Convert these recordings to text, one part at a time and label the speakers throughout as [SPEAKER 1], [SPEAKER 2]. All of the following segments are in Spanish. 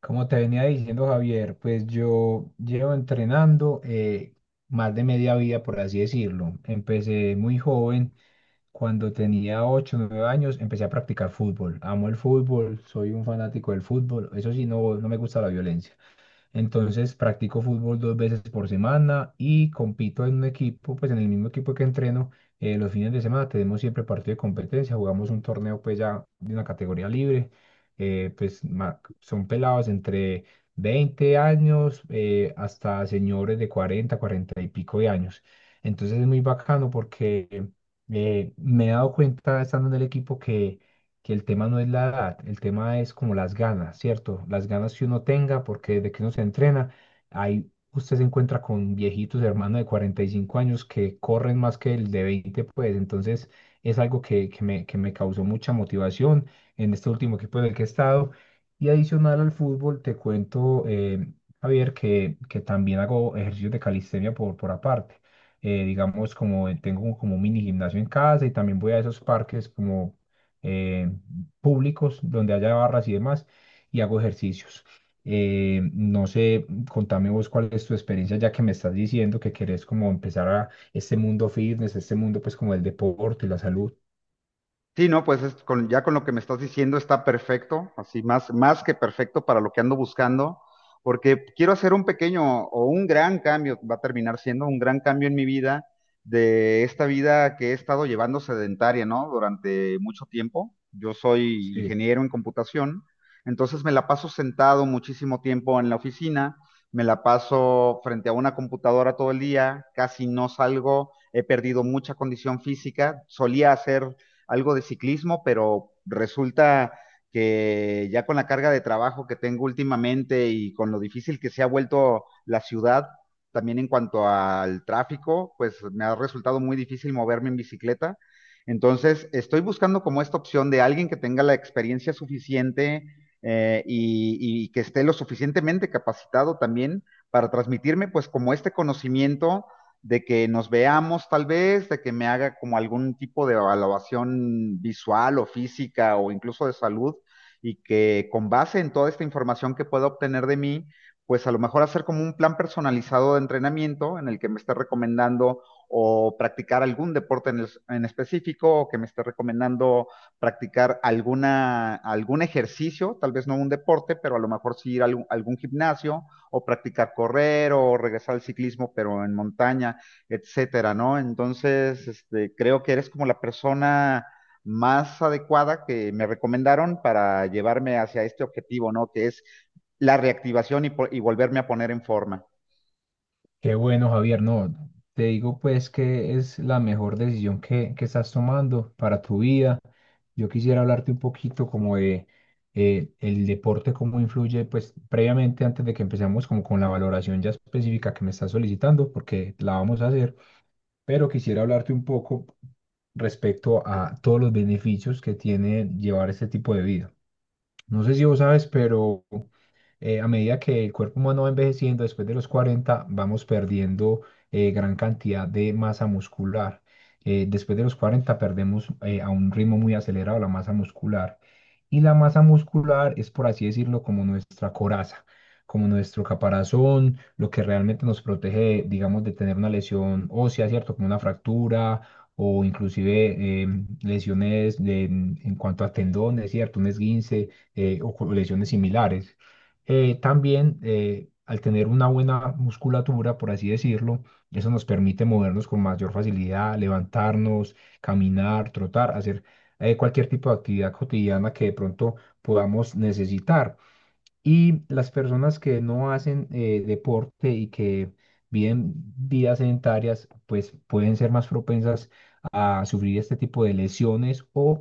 [SPEAKER 1] Como te venía diciendo, Javier, pues yo llevo entrenando más de media vida, por así decirlo. Empecé muy joven, cuando tenía 8 o 9 años, empecé a practicar fútbol. Amo el fútbol, soy un fanático del fútbol. Eso sí, no, no me gusta la violencia. Entonces practico fútbol dos veces por semana y compito en un equipo, pues en el mismo equipo que entreno los fines de semana. Tenemos siempre partido de competencia, jugamos un torneo pues ya de una categoría libre. Pues son pelados entre 20 años hasta señores de 40, 40 y pico de años. Entonces es muy bacano porque me he dado cuenta estando en el equipo que el tema no es la edad, el tema es como las ganas, ¿cierto? Las ganas que uno tenga, porque desde que uno se entrena, ahí usted se encuentra con viejitos, hermanos de 45 años que corren más que el de 20, pues entonces es algo que me causó mucha motivación en este último equipo en el que he estado. Y adicional al fútbol, te cuento, Javier, que también hago ejercicios de calistenia por aparte. Digamos, como tengo como un mini gimnasio en casa, y también voy a esos parques como eh, públicos donde haya barras y demás, y hago ejercicios. No sé, contame vos cuál es tu experiencia ya que me estás diciendo que querés como empezar a este mundo fitness, este mundo pues como el deporte y la salud.
[SPEAKER 2] Sí, no, pues ya con lo que me estás diciendo está perfecto, así más que perfecto para lo que ando buscando, porque quiero hacer un pequeño o un gran cambio, va a terminar siendo un gran cambio en mi vida, de esta vida que he estado llevando sedentaria, ¿no? Durante mucho tiempo. Yo soy
[SPEAKER 1] Sí.
[SPEAKER 2] ingeniero en computación, entonces me la paso sentado muchísimo tiempo en la oficina, me la paso frente a una computadora todo el día, casi no salgo, he perdido mucha condición física, solía hacer algo de ciclismo, pero resulta que ya con la carga de trabajo que tengo últimamente y con lo difícil que se ha vuelto la ciudad, también en cuanto al tráfico, pues me ha resultado muy difícil moverme en bicicleta. Entonces, estoy buscando como esta opción de alguien que tenga la experiencia suficiente eh, y, y que esté lo suficientemente capacitado también para transmitirme pues como este conocimiento de que nos veamos tal vez, de que me haga como algún tipo de evaluación visual o física o incluso de salud y que con base en toda esta información que pueda obtener de mí, pues a lo mejor hacer como un plan personalizado de entrenamiento en el que me esté recomendando o practicar algún deporte en específico o que me esté recomendando practicar algún ejercicio, tal vez no un deporte, pero a lo mejor sí ir a algún gimnasio o practicar correr o regresar al ciclismo, pero en montaña, etcétera, ¿no? Entonces, este, creo que eres como la persona más adecuada que me recomendaron para llevarme hacia este objetivo, ¿no? Que es la reactivación y volverme a poner en forma.
[SPEAKER 1] Qué bueno, Javier. No, te digo pues que es la mejor decisión que estás tomando para tu vida. Yo quisiera hablarte un poquito como de el deporte, cómo influye, pues previamente, antes de que empecemos como con la valoración ya específica que me estás solicitando, porque la vamos a hacer, pero quisiera hablarte un poco respecto a todos los beneficios que tiene llevar este tipo de vida. No sé si vos sabes, pero a medida que el cuerpo humano va envejeciendo, después de los 40, vamos perdiendo gran cantidad de masa muscular. Después de los 40 perdemos a un ritmo muy acelerado la masa muscular. Y la masa muscular es, por así decirlo, como nuestra coraza, como nuestro caparazón, lo que realmente nos protege, digamos, de tener una lesión ósea, ¿cierto? Como una fractura o inclusive lesiones en cuanto a tendones, ¿cierto? Un esguince o lesiones similares también al tener una buena musculatura, por así decirlo, eso nos permite movernos con mayor facilidad, levantarnos, caminar, trotar, hacer cualquier tipo de actividad cotidiana que de pronto podamos necesitar. Y las personas que no hacen deporte y que viven vidas sedentarias, pues pueden ser más propensas a sufrir este tipo de lesiones, o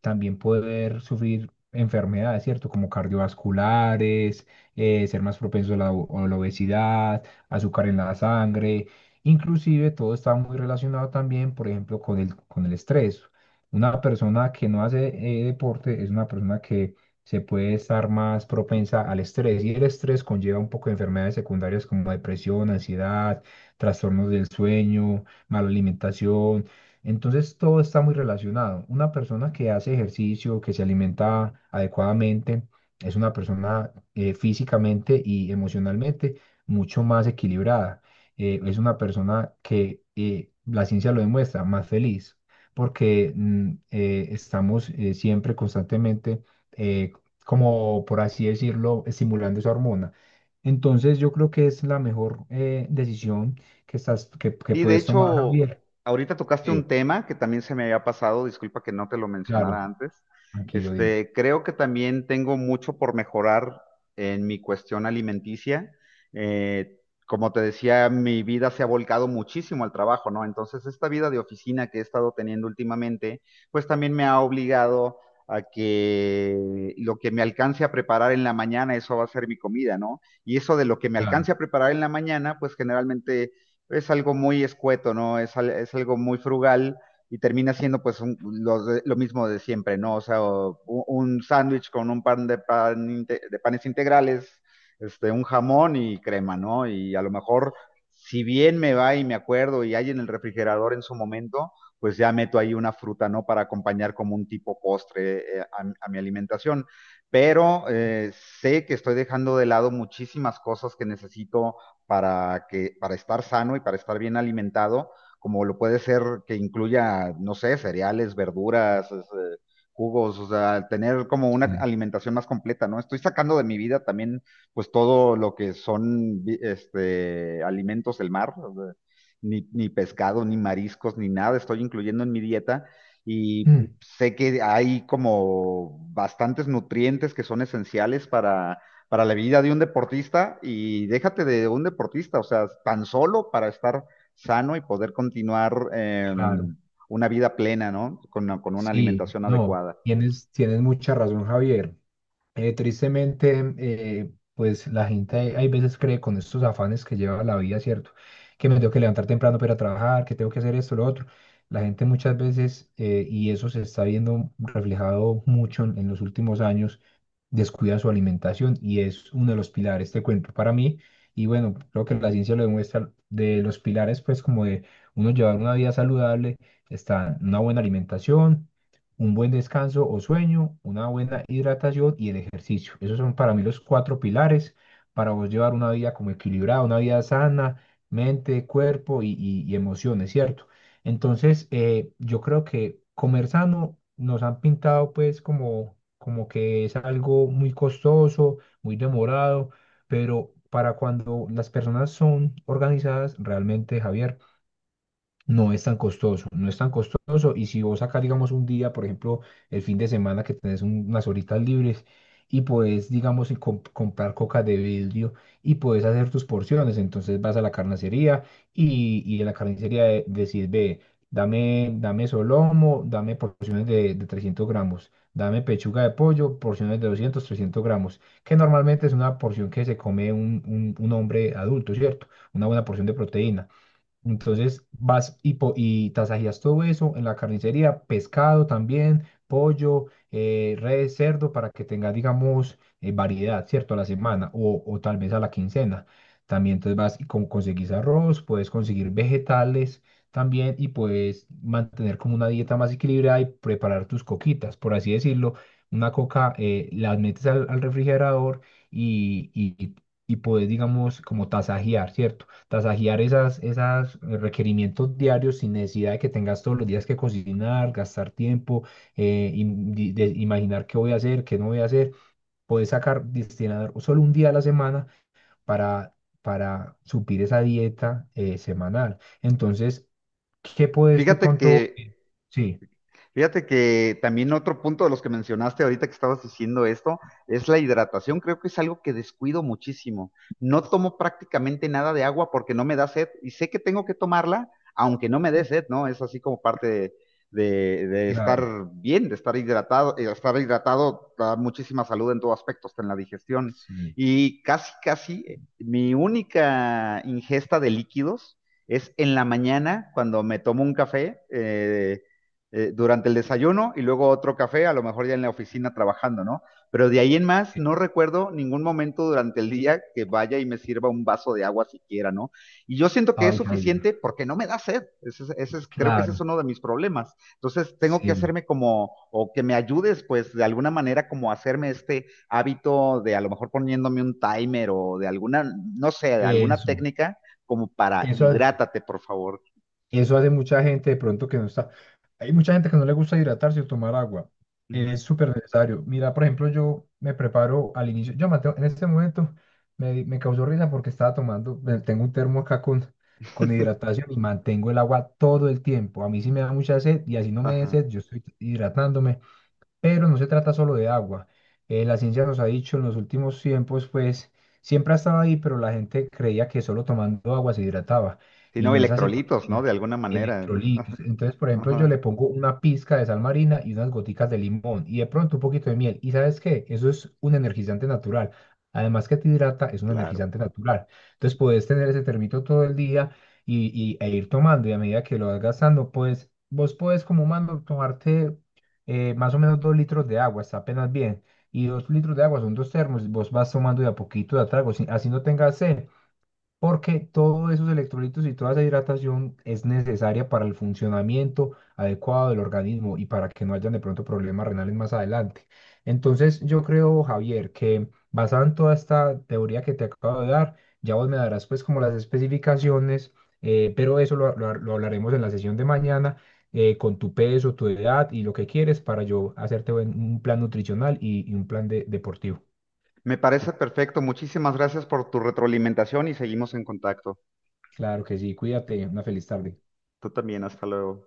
[SPEAKER 1] también poder sufrir enfermedades, ¿cierto? Como cardiovasculares, ser más propensos a la obesidad, azúcar en la sangre. Inclusive todo está muy relacionado también, por ejemplo, con el estrés. Una persona que no hace deporte es una persona que se puede estar más propensa al estrés, y el estrés conlleva un poco de enfermedades secundarias como depresión, ansiedad, trastornos del sueño, mala alimentación. Entonces todo está muy relacionado. Una persona que hace ejercicio, que se alimenta adecuadamente, es una persona físicamente y emocionalmente mucho más equilibrada. Es una persona que la ciencia lo demuestra, más feliz, porque estamos siempre constantemente eh, como, por así decirlo, estimulando esa hormona. Entonces yo creo que es la mejor decisión que
[SPEAKER 2] Y de
[SPEAKER 1] puedes tomar,
[SPEAKER 2] hecho,
[SPEAKER 1] Javier.
[SPEAKER 2] ahorita tocaste
[SPEAKER 1] Sí,
[SPEAKER 2] un tema que también se me había pasado, disculpa que no te lo
[SPEAKER 1] claro,
[SPEAKER 2] mencionara antes.
[SPEAKER 1] tranquilo, dime.
[SPEAKER 2] Este, creo que también tengo mucho por mejorar en mi cuestión alimenticia. Eh, Como te decía, mi vida se ha volcado muchísimo al trabajo, ¿no? Entonces, esta vida de oficina que he estado teniendo últimamente, pues también me ha obligado a que lo que me alcance a preparar en la mañana, eso va a ser mi comida, ¿no? Y eso de lo que me
[SPEAKER 1] Claro,
[SPEAKER 2] alcance a preparar en la mañana, pues generalmente es algo muy escueto, ¿no? Es algo muy frugal y termina siendo pues lo mismo de siempre, ¿no? O sea, un sándwich con un de panes integrales, este, un jamón y crema, ¿no? Y a lo mejor, si bien me va y me acuerdo y hay en el refrigerador en su momento, pues ya meto ahí una fruta, ¿no? Para acompañar como un tipo postre a mi alimentación. Pero sé que estoy dejando de lado muchísimas cosas que necesito para estar sano y para estar bien alimentado, como lo puede ser que incluya, no sé, cereales, verduras, jugos, o sea, tener como una
[SPEAKER 1] sí.
[SPEAKER 2] alimentación más completa, ¿no? Estoy sacando de mi vida también, pues todo lo que son alimentos del mar, o sea, ni pescado, ni mariscos, ni nada, estoy incluyendo en mi dieta y
[SPEAKER 1] Mm,
[SPEAKER 2] sé que hay como bastantes nutrientes que son esenciales para la vida de un deportista y déjate de un deportista, o sea, tan solo para estar sano y poder continuar
[SPEAKER 1] claro,
[SPEAKER 2] una vida plena, ¿no? Con una
[SPEAKER 1] sí,
[SPEAKER 2] alimentación
[SPEAKER 1] no,
[SPEAKER 2] adecuada.
[SPEAKER 1] tienes mucha razón, Javier. Tristemente, pues la gente hay veces cree con estos afanes que lleva la vida, ¿cierto? Que me tengo que levantar temprano para ir a trabajar, que tengo que hacer esto, lo otro. La gente muchas veces, y eso se está viendo reflejado mucho en los últimos años, descuida su alimentación, y es uno de los pilares, te cuento, para mí. Y bueno, creo que la ciencia lo demuestra, de los pilares, pues como de uno llevar una vida saludable, está una buena alimentación, un buen descanso o sueño, una buena hidratación y el ejercicio. Esos son para mí los cuatro pilares para vos llevar una vida como equilibrada, una vida sana, mente, cuerpo y emociones, ¿cierto? Entonces, yo creo que comer sano nos han pintado pues como, que es algo muy costoso, muy demorado, pero para cuando las personas son organizadas, realmente, Javier, no es tan costoso, no es tan costoso. Y si vos sacas, digamos, un día, por ejemplo, el fin de semana que tenés unas horitas libres y podés, digamos, y comprar coca de vidrio, y podés hacer tus porciones, entonces vas a la carnicería, y en la carnicería decís: ve, dame solomo, dame porciones de 300 gramos, dame pechuga de pollo, porciones de 200 300 gramos, que normalmente es una porción que se come un hombre adulto, ¿cierto? Una buena porción de proteína. Entonces vas y tasajías todo eso en la carnicería, pescado también, pollo, res, cerdo, para que tengas, digamos, variedad, ¿cierto? A la semana o tal vez a la quincena. También entonces vas y conseguís arroz, puedes conseguir vegetales también, y puedes mantener como una dieta más equilibrada y preparar tus coquitas, por así decirlo. Una coca la metes al refrigerador y, y, y puedes, digamos, como tasajear, ¿cierto? Tasajear esas requerimientos diarios sin necesidad de que tengas todos los días que cocinar, gastar tiempo, imaginar qué voy a hacer, qué no voy a hacer. Puedes sacar, destinar solo un día a la semana para, para, suplir esa dieta semanal. Entonces, ¿qué puedes de
[SPEAKER 2] Fíjate que
[SPEAKER 1] pronto? Sí,
[SPEAKER 2] Fíjate que también otro punto de los que mencionaste ahorita que estabas diciendo esto es la hidratación. Creo que es algo que descuido muchísimo. No tomo prácticamente nada de agua porque no me da sed y sé que tengo que tomarla aunque no me dé sed, ¿no? Es así como parte de estar
[SPEAKER 1] claro,
[SPEAKER 2] bien, de estar hidratado. Estar hidratado da muchísima salud en todo aspecto, hasta en la digestión.
[SPEAKER 1] sí.
[SPEAKER 2] Y casi mi única ingesta de líquidos es en la mañana cuando me tomo un café. Durante el desayuno y luego otro café, a lo mejor ya en la oficina trabajando, ¿no? Pero de ahí en más
[SPEAKER 1] eh,
[SPEAKER 2] no recuerdo ningún momento durante el día que vaya y me sirva un vaso de agua siquiera, ¿no? Y yo siento que es
[SPEAKER 1] Ay, Javier,
[SPEAKER 2] suficiente porque no me da sed. Creo que ese es
[SPEAKER 1] claro,
[SPEAKER 2] uno de mis problemas. Entonces tengo que
[SPEAKER 1] sí.
[SPEAKER 2] hacerme como, o que me ayudes, pues de alguna manera como hacerme este hábito de a lo mejor poniéndome un timer o de alguna, no sé, de alguna
[SPEAKER 1] Eso,
[SPEAKER 2] técnica como para
[SPEAKER 1] eso.
[SPEAKER 2] hidrátate, por favor.
[SPEAKER 1] Eso hace mucha gente de pronto que no está. Hay mucha gente que no le gusta hidratarse o tomar agua.
[SPEAKER 2] Ujú.
[SPEAKER 1] Es súper necesario. Mira, por ejemplo, yo me preparo al inicio. Yo, Mateo, en este momento me causó risa porque estaba tomando. Tengo un termo acá con hidratación, y mantengo el agua todo el tiempo. A mí sí me da mucha sed, y así no me dé
[SPEAKER 2] Ajá.
[SPEAKER 1] sed, yo estoy hidratándome, pero no se trata solo de agua. La ciencia nos ha dicho en los últimos tiempos, pues siempre ha estado ahí, pero la gente creía que solo tomando agua se hidrataba,
[SPEAKER 2] Sí,
[SPEAKER 1] y
[SPEAKER 2] no,
[SPEAKER 1] no es así, porque
[SPEAKER 2] electrolitos, ¿no?
[SPEAKER 1] tiene
[SPEAKER 2] De alguna manera.
[SPEAKER 1] electrolitos. Entonces, por ejemplo, yo le
[SPEAKER 2] Ajá,
[SPEAKER 1] pongo una pizca de sal marina y unas goticas de limón y de pronto un poquito de miel. ¿Y sabes qué? Eso es un energizante natural. Además que te hidrata, es un
[SPEAKER 2] claro.
[SPEAKER 1] energizante natural. Entonces, puedes tener ese termito todo el día e ir tomando, y a medida que lo vas gastando, pues vos puedes, como humano, tomarte más o menos 2 litros de agua, está apenas bien. Y 2 litros de agua son dos termos. Vos vas tomando de a poquito, de a trago, así no tengas sed, porque todos esos electrolitos y toda esa hidratación es necesaria para el funcionamiento adecuado del organismo y para que no hayan de pronto problemas renales más adelante. Entonces, yo creo, Javier, que basado en toda esta teoría que te acabo de dar, ya vos me darás pues como las especificaciones, pero eso lo hablaremos en la sesión de mañana. Con tu peso, tu edad y lo que quieres, para yo hacerte un plan nutricional y un plan deportivo.
[SPEAKER 2] Me parece perfecto. Muchísimas gracias por tu retroalimentación y seguimos en contacto.
[SPEAKER 1] Claro que sí, cuídate, una feliz tarde.
[SPEAKER 2] Tú también, hasta luego.